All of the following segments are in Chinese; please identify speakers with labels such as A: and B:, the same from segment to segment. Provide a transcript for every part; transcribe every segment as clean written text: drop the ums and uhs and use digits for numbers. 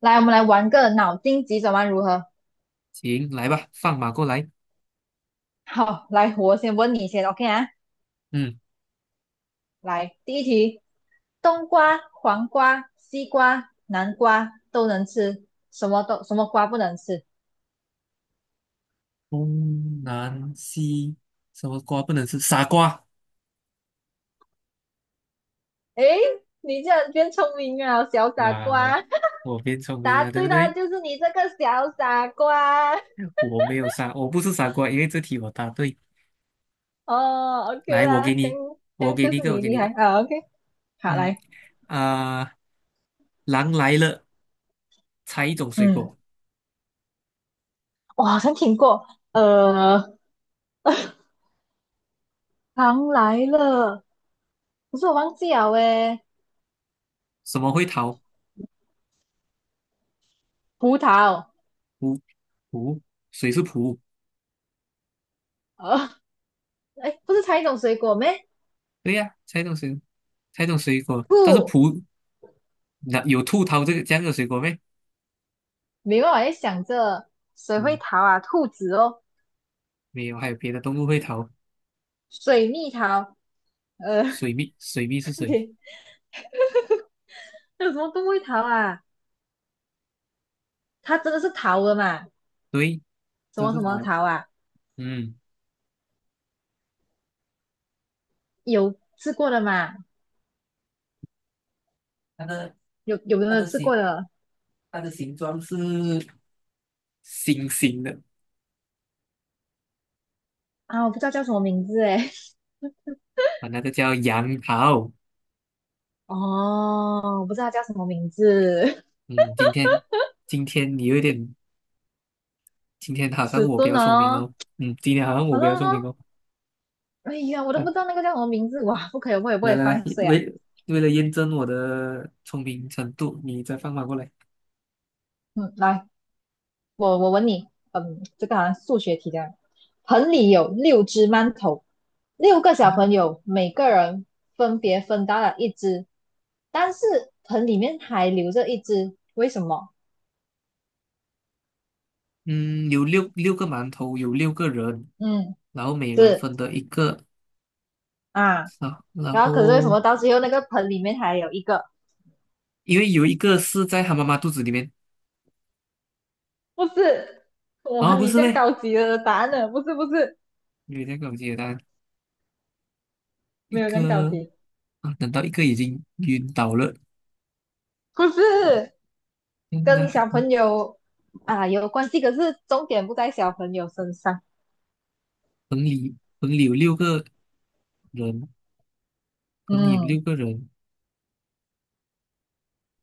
A: 来，我们来玩个脑筋急转弯，如何？
B: 行，来吧，放马过来。
A: 好，来，我先问你先，OK 啊？
B: 嗯，
A: 来，第一题，冬瓜、黄瓜、西瓜、南瓜都能吃，什么瓜不能吃？
B: 东南西什么瓜不能吃？傻瓜。
A: 诶，你竟然变聪明啊，小傻
B: 那、我
A: 瓜！
B: 我 变聪明
A: 答
B: 了，对
A: 对
B: 不
A: 啦，
B: 对？
A: 就是你这个小傻瓜。
B: 我没有傻，我不是傻瓜，因为这题我答对。
A: 哦，OK
B: 来，
A: 啦，这样这
B: 我
A: 样
B: 给
A: 就
B: 你一
A: 是
B: 个，我
A: 你
B: 给你
A: 厉
B: 一
A: 害
B: 个。
A: 啊，OK。好，
B: 嗯
A: 来，
B: 啊、狼来了，猜一种水
A: 嗯，
B: 果，
A: 我好像听过，糖来了，可是我忘记了诶，
B: 什么会逃？
A: 葡萄。
B: 葡葡，水是葡。
A: 啊，哎，不是猜一种水果咩？
B: 对呀、猜一种水，猜一种水果，但是
A: 兔，
B: 葡，那有兔逃这个这样的水果没？
A: 没办法，在想着谁会
B: 嗯，
A: 逃啊？兔子哦，
B: 没有，还有别的动物会逃。
A: 水蜜桃，呃，
B: 水蜜，水蜜是 谁？
A: 对，那有什么动物会逃啊？它真的是逃的嘛？
B: 对，
A: 什
B: 这
A: 么
B: 是
A: 什
B: 它，
A: 么逃啊？
B: 嗯，
A: 有吃过的嘛？
B: 它的
A: 有有没
B: 它
A: 有
B: 的
A: 吃过
B: 形
A: 的
B: 它的形状是星星的。
A: 啊？我不知道叫什么名字哎，
B: 啊，那个叫杨桃。
A: 哦，我不知道它叫什么名字，
B: 嗯，今天今天你有点，今天 好像
A: 迟
B: 我比
A: 钝
B: 较聪明
A: 哦，
B: 哦。嗯，今天好像我
A: 好
B: 比
A: 了
B: 较聪
A: 哦，
B: 明哦。
A: 哎呀，我都
B: 啊，
A: 不知道那个叫什么名字，哇，不可以，不可以不可
B: 来
A: 以
B: 来来，
A: 放水啊，
B: 为为了验证我的聪明程度，你再放马过来。
A: 嗯，来。我问你，嗯，这个好像数学题这样。盆里有六只馒头，六个小朋友每个人分别分到了一只，但是盆里面还留着一只，为什么？
B: 嗯，有六个馒头，有六个人，
A: 嗯，
B: 然后每人
A: 是
B: 分得一个。
A: 啊。
B: 啊，然
A: 然后可是为什
B: 后
A: 么到最后那个盆里面还有一个？
B: 因为有一个是在他妈妈肚子里面。
A: 不是，哇，
B: 啊，不
A: 你
B: 是
A: 这样
B: 呗？
A: 高级的答案了，不是不是，
B: 有点搞简单，一
A: 没有这样高
B: 个。
A: 级，
B: 啊，等到一个已经晕倒了，
A: 不是
B: 那那
A: 跟
B: 还
A: 小朋友啊有关系，可是重点不在小朋友身上。
B: 棚里有六个人，棚里有
A: 嗯
B: 六个人，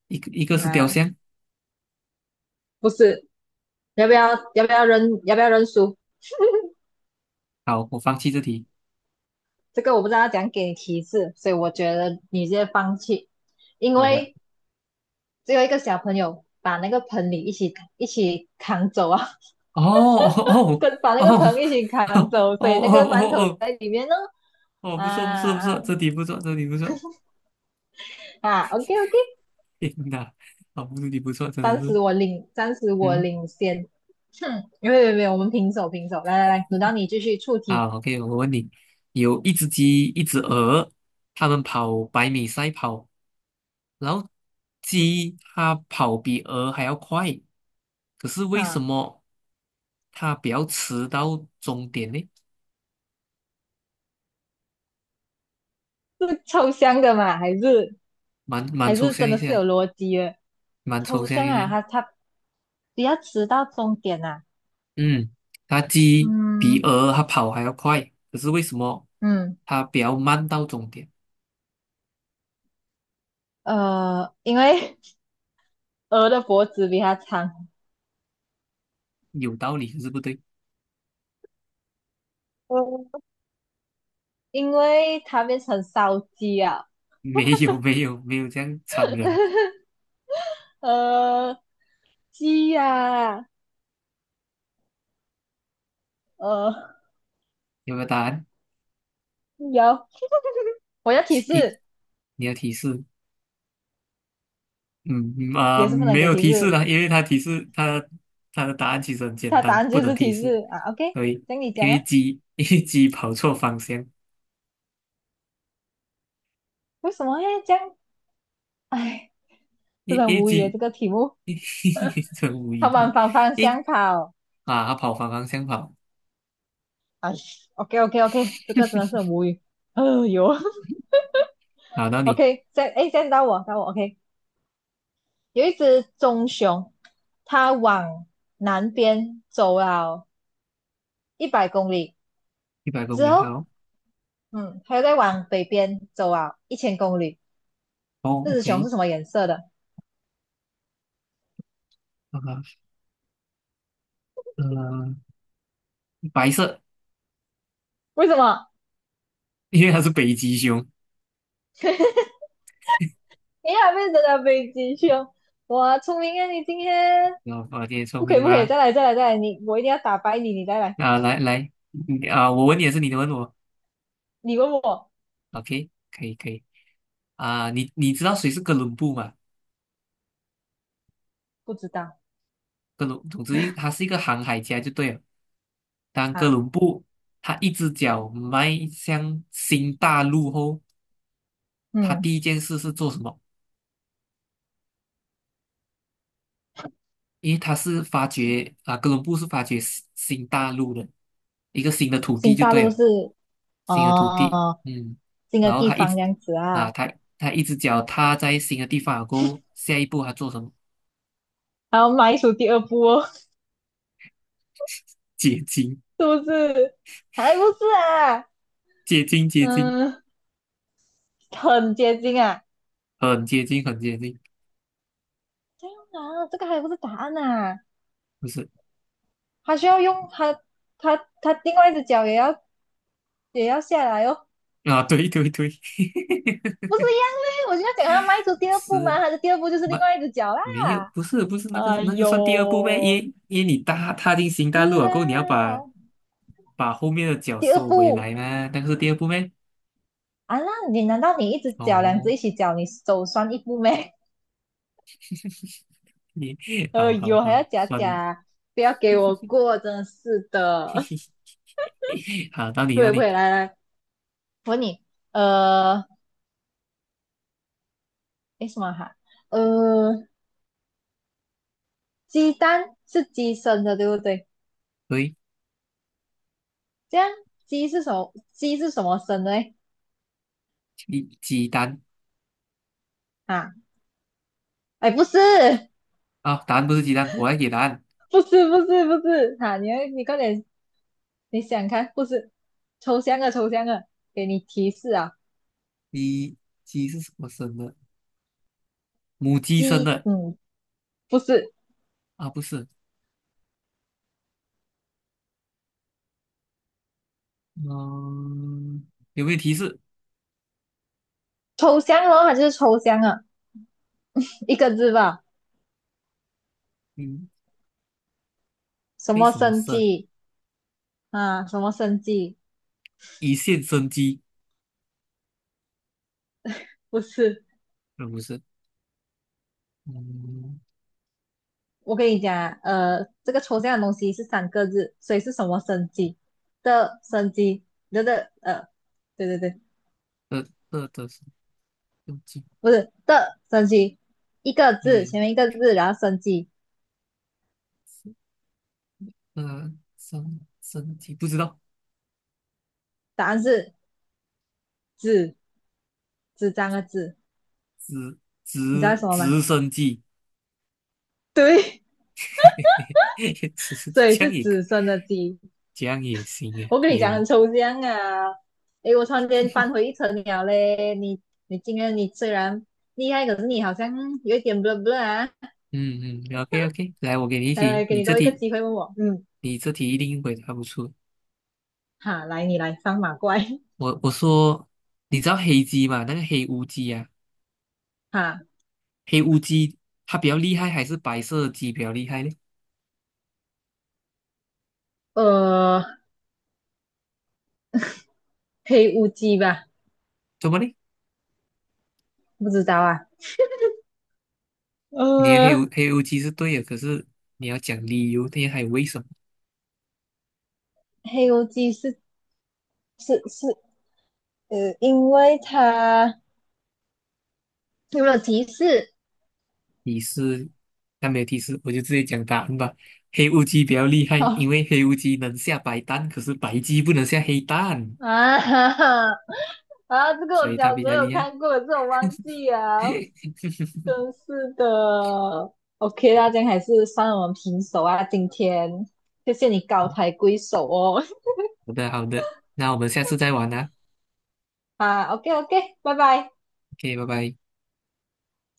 B: 一个一个是雕
A: 啊。
B: 像。
A: 不是，要不要要不要认输？
B: 好，我放弃这题，
A: 这个我不知道怎样给你提示，所以我觉得你直接放弃，因
B: 好吧？
A: 为只有一个小朋友把那个盆里一起扛走啊，
B: 哦 哦哦
A: 跟把那
B: 哦
A: 个
B: 哦
A: 盆一起扛走，
B: 哦
A: 所以那个馒
B: 哦
A: 头
B: 哦
A: 在里面呢。
B: 哦，
A: 啊
B: 不错不错不
A: 啊
B: 错，这题不错，这题不错，
A: 啊！OK OK,
B: 天哪，哦，这题不错，真的是，
A: 暂时我
B: 嗯，
A: 领先。哼，没有没有没有，我们平手平手。来来来，轮到你继续出题
B: 好，OK,我问你，有一只鸡，一只鹅，它们跑百米赛跑。然后鸡它跑比鹅还要快，可是为什
A: 啊，
B: 么它比较迟到终点呢？
A: 是抽象的嘛？还是
B: 蛮
A: 还
B: 抽
A: 是
B: 象
A: 真
B: 一
A: 的是
B: 些，
A: 有逻辑的？
B: 蛮抽
A: 抽
B: 象
A: 象
B: 一
A: 啊，
B: 些。
A: 他。不要迟到终点啊。
B: 嗯，它鸡比
A: 嗯
B: 鹅它跑还要快，可是为什么
A: 嗯，
B: 它比较慢到终点？
A: 因为 鹅的脖子比它长，
B: 有道理，可是不对。
A: 呃，因为它变成烧鸡啊。
B: 没有没有没有这样残忍，
A: 呃，鸡呀、啊呃，
B: 有没有答案？
A: 有，我要提
B: 一，
A: 示，
B: 你要提示。嗯嗯，
A: 也是不能
B: 没
A: 给
B: 有
A: 提
B: 提示
A: 示，
B: 了，因为它提示它它的答案其实很简
A: 它答
B: 单，
A: 案
B: 不
A: 就
B: 能
A: 是
B: 提
A: 提
B: 示。
A: 示啊。OK,
B: 对，
A: 等你
B: 因
A: 讲啊，
B: 为鸡 因为鸡跑错方向，
A: 为什么要这样？哎，真
B: 因
A: 的很
B: 一为
A: 无语耶
B: 鸡
A: 这个题目，
B: 真无语
A: 它
B: 的，
A: 往反方
B: 一
A: 向跑。
B: 啊，它跑反方向跑，
A: 哎，OK OK OK,这个真的是 很无语。哎呦。
B: 跑到你
A: OK,现在到我， OK。有一只棕熊，它往南边走了100公里
B: 一百公
A: 之
B: 里，
A: 后，
B: 好。
A: 它又再往北边走了1000公里。
B: 哦
A: 这只熊
B: ，OK。
A: 是什么颜色的？
B: 啊呃，白色，
A: 为什么？
B: 因为它是北极熊。
A: 你还变成了北极熊？哇，聪明啊！你今天
B: 哦，我今天聪
A: 不可
B: 明
A: 以，不可以，
B: 吗？
A: 再来，再来，再来！我一定要打败你，你再来。
B: 啊，来来，你啊，我问你也是，你问我
A: 你问我
B: ，OK,可以。啊，你知道谁是哥伦布吗？
A: 不知道
B: 哥伦，总之一，他是一个航海家就对了。当哥
A: 啊？
B: 伦布他一只脚迈向新大陆后，他
A: 嗯，
B: 第一件事是做什么？因为他是发掘。啊，哥伦布是发掘新大陆的一个新的土地
A: 新
B: 就
A: 大
B: 对
A: 陆
B: 了，
A: 是
B: 新的土地，
A: 哦，
B: 嗯，
A: 新的
B: 然后
A: 地
B: 他一
A: 方
B: 直
A: 这样子
B: 啊，
A: 啊。
B: 他一只脚踏在新的地方过后，下一步他做什么？
A: 然后迈出第二步哦。
B: 结晶，
A: 是不是？还不是啊，
B: 结晶，结晶，
A: 嗯，很接近啊。
B: 很接近，很接近，
A: 这样啊，这个还不是答案啊，
B: 不是
A: 还需要用它，它另外一只脚也要下来哦，
B: 啊，对对对，
A: 不是一样嘞？我就要讲它迈出
B: 不
A: 第二步
B: 是。
A: 嘛，它的第二步就是另外一只脚
B: 没有，
A: 啦。
B: 不是，不是那个
A: 哎
B: 那个算第二步呗，因
A: 呦，
B: 为因为你踏进新大陆
A: 是
B: 了过后，你要
A: 啦，
B: 把，把后面的脚
A: 第二
B: 收回
A: 步
B: 来嘛，那个是第二步呗。
A: 啊，那你难道你一只脚两只
B: 哦，
A: 一起脚，你手算一步没？
B: 你
A: 哎
B: 好好
A: 呦，还
B: 好，
A: 要假
B: 算了，
A: 假，不要给我 过，真的是的。
B: 好到 你
A: 不
B: 到
A: 会不
B: 你，
A: 会，来来我问你，呃，诶，什么哈？呃，鸡蛋是鸡生的，对不对？
B: 喂，
A: 这样鸡是什么？鸡是什么生的嘞？
B: 鸡蛋。
A: 啊，哎，不是，
B: 啊，答案不是鸡蛋，我来给答案，
A: 不是，不是，不是，哈、你要快点，你想看，不是，抽象的，抽象的，给你提示啊，
B: 鸡，鸡是什么生的？母鸡生
A: 鸡，
B: 的。
A: 嗯，不是，
B: 啊，不是，嗯，有没有提示？
A: 抽象哦，它就是抽象啊，一个字吧，
B: 嗯，
A: 什
B: 为
A: 么
B: 什么
A: 生
B: 生？
A: 鸡啊？什么生鸡？
B: 一线生机？
A: 不是。
B: 呃，不是，嗯，
A: 我跟你讲啊,这个抽象的东西是三个字，所以是什么生机的生机的对对对，
B: 这这是。
A: 不是的生机，一个字
B: 嗯，
A: 前面一个字，然后生机，
B: 呃，升生机不知道，
A: 答案是纸纸张的纸，
B: 直
A: 你知道是
B: 直
A: 什么吗？
B: 直升机，
A: 对，
B: 直升 机
A: 所以
B: 这
A: 是
B: 样也可，
A: 纸生的鸡。
B: 这样也行啊！
A: 我跟你
B: 天
A: 讲
B: 呐，
A: 很抽象啊，诶，我突然间翻回一层了嘞。你今天你虽然厉害，可是你好像有一点不 l a h b l 啊。
B: 嗯嗯，OK OK,来，我给你一
A: 来
B: 题，
A: 来，给你多一个机会问我，嗯。
B: 你这题一定回答不出。
A: 哈，来你来放马怪，
B: 我说，你知道黑鸡吗？那个黑乌鸡。啊，
A: 哈，
B: 黑乌鸡它比较厉害，还是白色的鸡比较厉害呢？
A: 呃，黑乌鸡吧，
B: 怎么呢？
A: 不知道啊，
B: 你的黑
A: 呃，
B: 乌黑乌鸡是对的，可是你要讲理由，那还有为什么？
A: 黑乌鸡是，因为它有没有提示？
B: 提示，但没有提示，我就直接讲答案吧。黑乌鸡比较厉害，
A: 哦
B: 因为黑乌鸡能下白蛋，可是白鸡不能下黑蛋，
A: 啊哈哈啊，这个
B: 所
A: 我
B: 以它
A: 小
B: 比
A: 时候
B: 较
A: 有
B: 厉害。
A: 看过，这我忘记了，真是的。OK 大家样还是算我们平手啊，今天谢谢你高抬贵手哦。
B: 好的，好的，那我们下次再玩啦。
A: 啊，OK OK,拜拜。
B: OK,拜拜。